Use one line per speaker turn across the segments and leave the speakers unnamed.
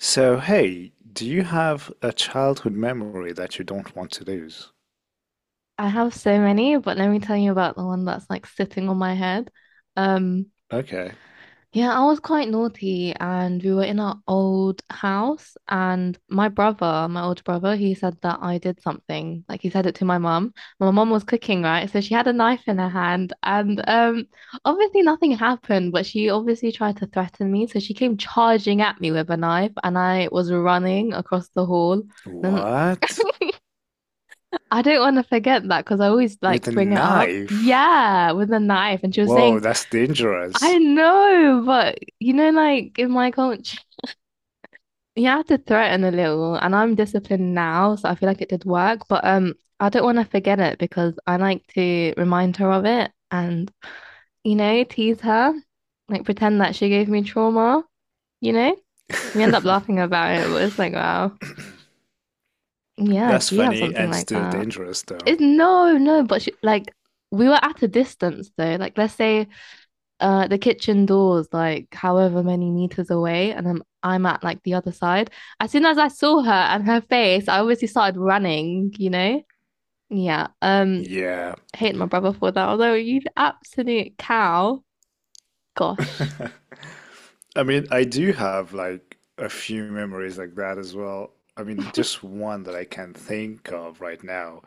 So, hey, do you have a childhood memory that you don't want to lose?
I have so many, but let me tell you about the one that's like sitting on my head. Um,
Okay.
yeah, I was quite naughty and we were in our old house and my older brother, he said that I did something. Like he said it to my mum. My mum was cooking, right? So she had a knife in her hand and obviously nothing happened, but she obviously tried to threaten me. So she came charging at me with a knife and I was running across the hall. Then
What?
I don't want to forget that because I always like
With a
bring it up.
knife?
Yeah, with a knife. And she was
Whoa,
saying,
that's
I
dangerous.
know, but you know, like in my culture, you have to threaten a little. And I'm disciplined now, so I feel like it did work. But I don't want to forget it because I like to remind her of it and, you know, tease her, like pretend that she gave me trauma, you know? We end up laughing about it, but it's like, wow. Yeah,
That's
do you have
funny
something
and
like
still
that?
dangerous, though.
It's no, no, but she, like we were at a distance though. Like let's say the kitchen door's like however many meters away and I'm at like the other side. As soon as I saw her and her face, I obviously started running, you know? Yeah.
Yeah.
Hate my brother for that. Although you absolute cow. Gosh.
I mean, I do have like a few memories like that as well. I mean, just one that I can think of right now.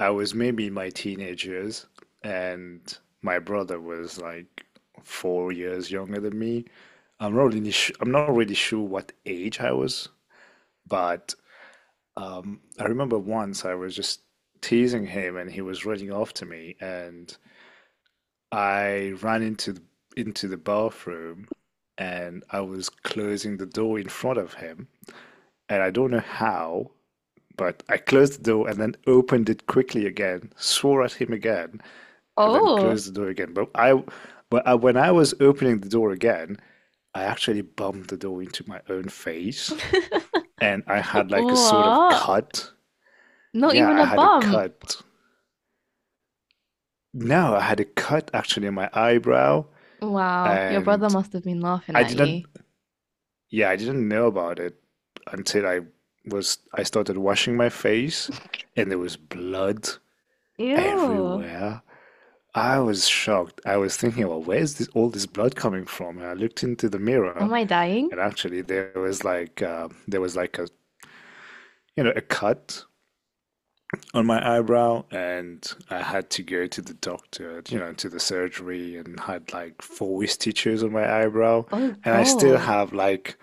I was maybe in my teenage years, and my brother was like 4 years younger than me. I'm not really sure what age I was, but I remember once I was just teasing him, and he was running after me, and I ran into the bathroom and I was closing the door in front of him. And I don't know how, but I closed the door and then opened it quickly again, swore at him again, and then
Oh.
closed the door again. When I was opening the door again, I actually bumped the door into my own face and I had like a sort of
What?
cut.
Not
Yeah,
even
I
a
had a
bump.
cut. No, I had a cut actually in my eyebrow
Wow, your brother
and
must have been laughing
I
at
didn't
you.
yeah, I didn't know about it until I started washing my face and there was blood
Ew.
everywhere. I was shocked. I was thinking, well, where's this all this blood coming from? And I looked into the
Am
mirror
I dying?
and actually there was like a, you know, a cut on my eyebrow and I had to go to the doctor, you know, to the surgery and had like four stitches on my eyebrow
Oh
and I still
God.
have like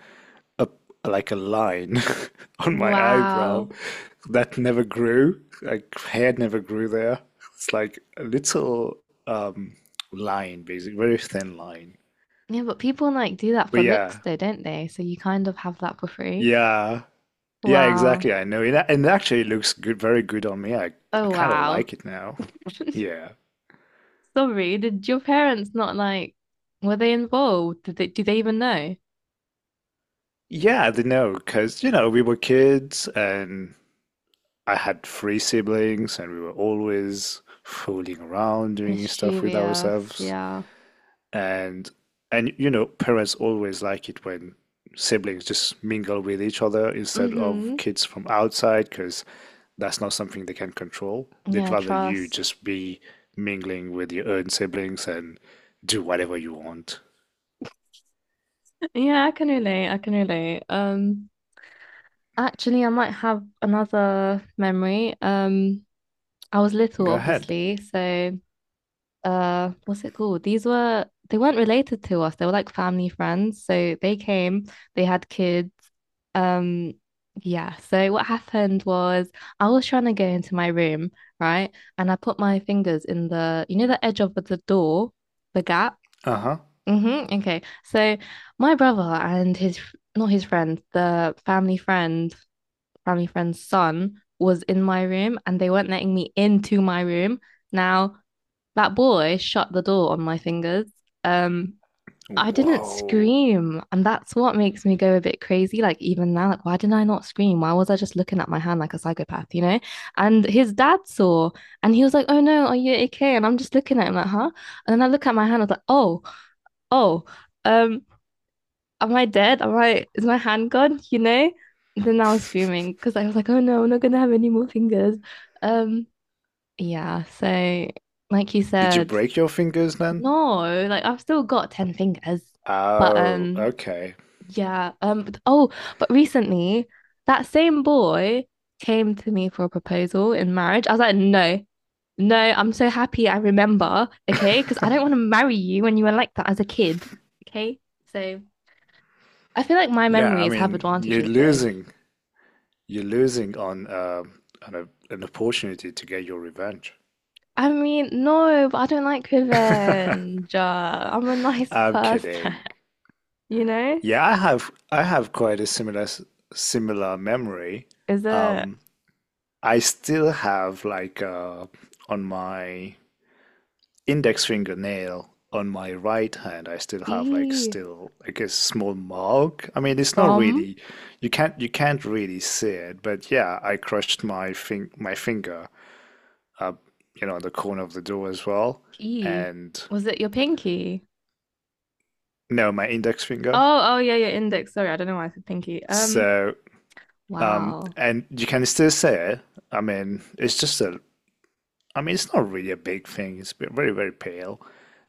a, like a line on my eyebrow
Wow.
that never grew. Like hair never grew there. It's like a little um line, basically, very thin line.
Yeah, but people like do that
But
for looks
yeah,
though, don't they? So you kind of have that for free.
yeah, yeah,
Wow.
exactly. I know, and it actually looks good, very good on me. I
Oh,
kind of
wow.
like it now. Yeah,
Sorry, did your parents not like, were they involved? Did they, do they even know?
yeah, I don't know, because you know we were kids and I had three siblings and we were always fooling around doing stuff with
Mischievous,
ourselves.
yeah.
and and you know parents always like it when siblings just mingle with each other instead of
Mm-hmm.
kids from outside because that's not something they can control. They'd
Yeah,
rather you
trust.
just be mingling with your own siblings and do whatever you want.
Yeah, I can relate. I can relate. Actually, I might have another memory. I was little,
Go ahead.
obviously, so what's it called? These were they weren't related to us. They were like family friends. So they came, they had kids. Um yeah, so what happened was I was trying to go into my room, right? And I put my fingers in the you know the edge of the door, the gap.
Uh-huh.
Mm-hmm. Okay. So my brother and his not his friend, the family friend, family friend's son was in my room and they weren't letting me into my room. Now that boy shut the door on my fingers. Um, I didn't
Whoa.
scream, and that's what makes me go a bit crazy. Like even now, like why didn't I not scream? Why was I just looking at my hand like a psychopath, you know? And his dad saw, and he was like, "Oh no, are you okay?" And I'm just looking at him like, "Huh?" And then I look at my hand, I was like, "Oh, oh, um, am I dead? Am I? Is my hand gone? You know?" And then I was screaming because I was like, "Oh no, I'm not gonna have any more fingers." Um, yeah. So, like you
Did you
said
break your fingers then?
no, like I've still got 10 fingers. But
Oh, okay.
yeah, oh, but recently that same boy came to me for a proposal in marriage. I was like, "No. No, I'm so happy I remember, okay? Because I don't want to marry you when you were like that as a kid, okay? So I feel like my
Yeah, I
memories have
mean, you're
advantages though.
losing. You're losing on an opportunity to get your revenge.
I mean, no, but I don't like revenge. I'm a nice
I'm
person,
kidding.
you know?
Yeah, I have quite a similar memory.
Is it
Um, I still have like on my index fingernail on my right hand, I still have like
E
still like a small mark. I mean, it's not
from?
really, you can't really see it, but yeah, I crushed my fing my finger up, you know, on the corner of the door as well,
E.
and
Was it your pinky?
no, my index finger.
Oh, oh yeah, your index. Sorry, I don't know why I said pinky.
So um,
Wow.
and you can still see it. I mean, it's just a, I mean, it's not really a big thing. It's very, very pale.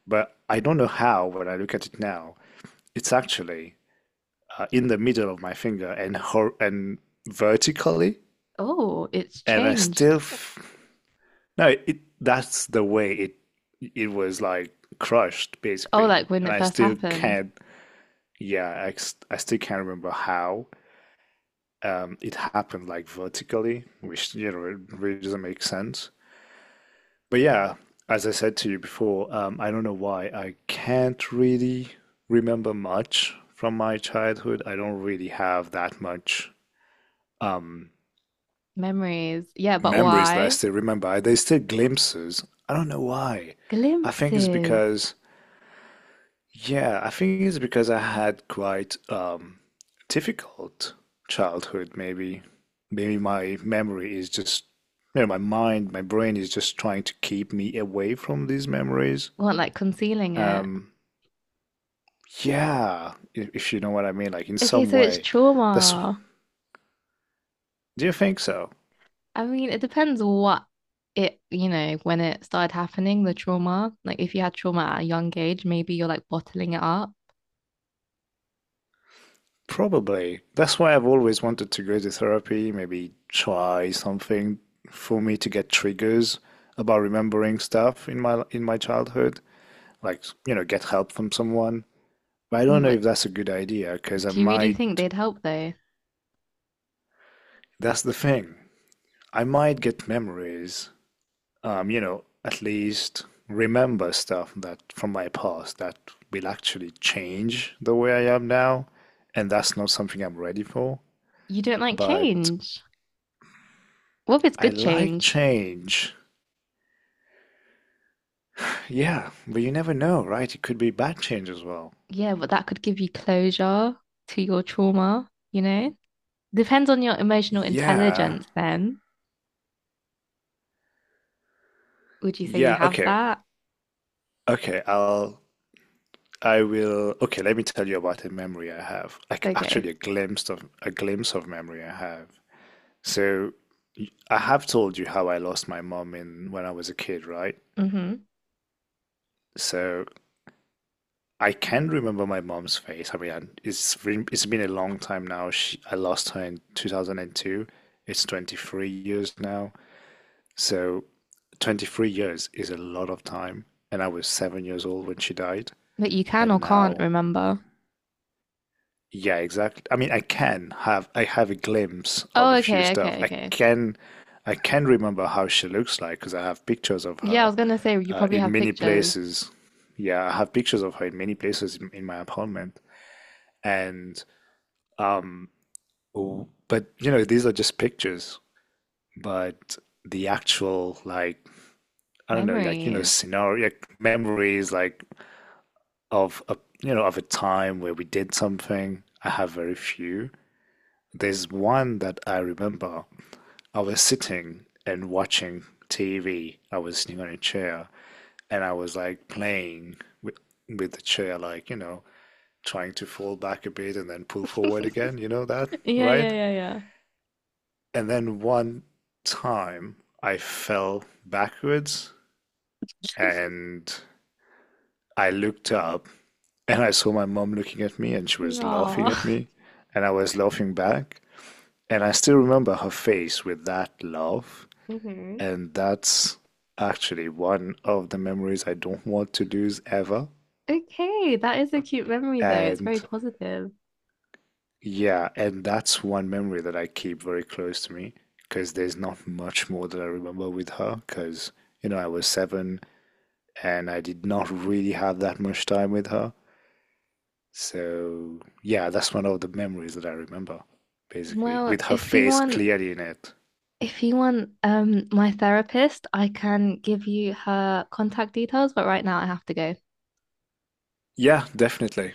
But I don't know how, when I look at it now, it's actually in the middle of my finger and vertically.
Oh, it's
And I still,
changed.
f no, that's the way it was like crushed
Oh,
basically.
like when
And
it
I
first
still
happened.
can't, yeah, I still can't remember how it happened like vertically, which, you know, it really doesn't make sense. But yeah, as I said to you before, I don't know why. I can't really remember much from my childhood. I don't really have that much um,
Memories. Yeah, but
memories that I
why?
still remember. There's still glimpses. I don't know why. I think it's
Glimpses.
because, yeah, I think it's because I had quite difficult childhood, maybe. Maybe my memory is just, you know, my brain is just trying to keep me away from these memories.
Were like concealing it.
Um, Yeah, if you know what I mean, like in
Okay,
some
so it's
way. That's,
trauma.
do you think so?
I mean, it depends what it, you know, when it started happening, the trauma. Like if you had trauma at a young age, maybe you're like bottling it up.
Probably. That's why I've always wanted to go to therapy, maybe try something for me to get triggers about remembering stuff in my childhood, like, you know, get help from someone. But I
No,
don't know
but
if that's a good idea because
do you really think they'd help though?
that's the thing. I might get memories you know, at least remember stuff that from my past that will actually change the way I am now. And that's not something I'm ready for.
You don't like
But
change. What if it's
I
good
like
change?
change. Yeah, but you never know, right? It could be bad change as well.
Yeah, but that could give you closure to your trauma, you know? Depends on your emotional
Yeah.
intelligence then. Would you say you
Yeah,
have
okay.
that?
Okay, I'll I will okay, let me tell you about a memory I have. Like
Okay.
actually a glimpse of memory I have. So I have told you how I lost my mom in when I was a kid, right?
Mm-hmm.
So I can remember my mom's face. It's been a long time now. I lost her in 2002. It's 23 years now. So 23 years is a lot of time, and I was seven years old when she died,
But you can
and
or can't
now
remember.
yeah, exactly. I mean, I have a glimpse of a
Oh,
few
okay,
stuff.
okay, okay.
I can remember how she looks like because I have pictures of
Yeah, I
her
was gonna say you probably
in
have
many
pictures,
places. Yeah, I have pictures of her in many places in my apartment. And oh, but you know, these are just pictures. But the actual like I don't know, like you know,
memories.
scenario, like memories, like of a, you know, of a time where we did something. I have very few. There's one that I remember I was sitting and watching TV. I was sitting on a chair and I was like playing with with the chair, like, you know, trying to fall back a bit and then pull forward again, you know that,
Yeah,
right?
yeah, yeah,
And then one time I fell backwards and I looked up and I saw my mom looking at me and she
yeah.
was laughing at
Aw.
me and I was laughing back. And I still remember her face with that laugh.
hmm
And that's actually one of the memories I don't want to lose ever.
Okay, that is a cute memory though. It's very
And
positive.
yeah, and that's one memory that I keep very close to me because there's not much more that I remember with her because, you know, I was seven and I did not really have that much time with her. So yeah, that's one of the memories that I remember, basically,
Well,
with her face clearly in it.
if you want, my therapist, I can give you her contact details, but right now I have to go.
Yeah, definitely.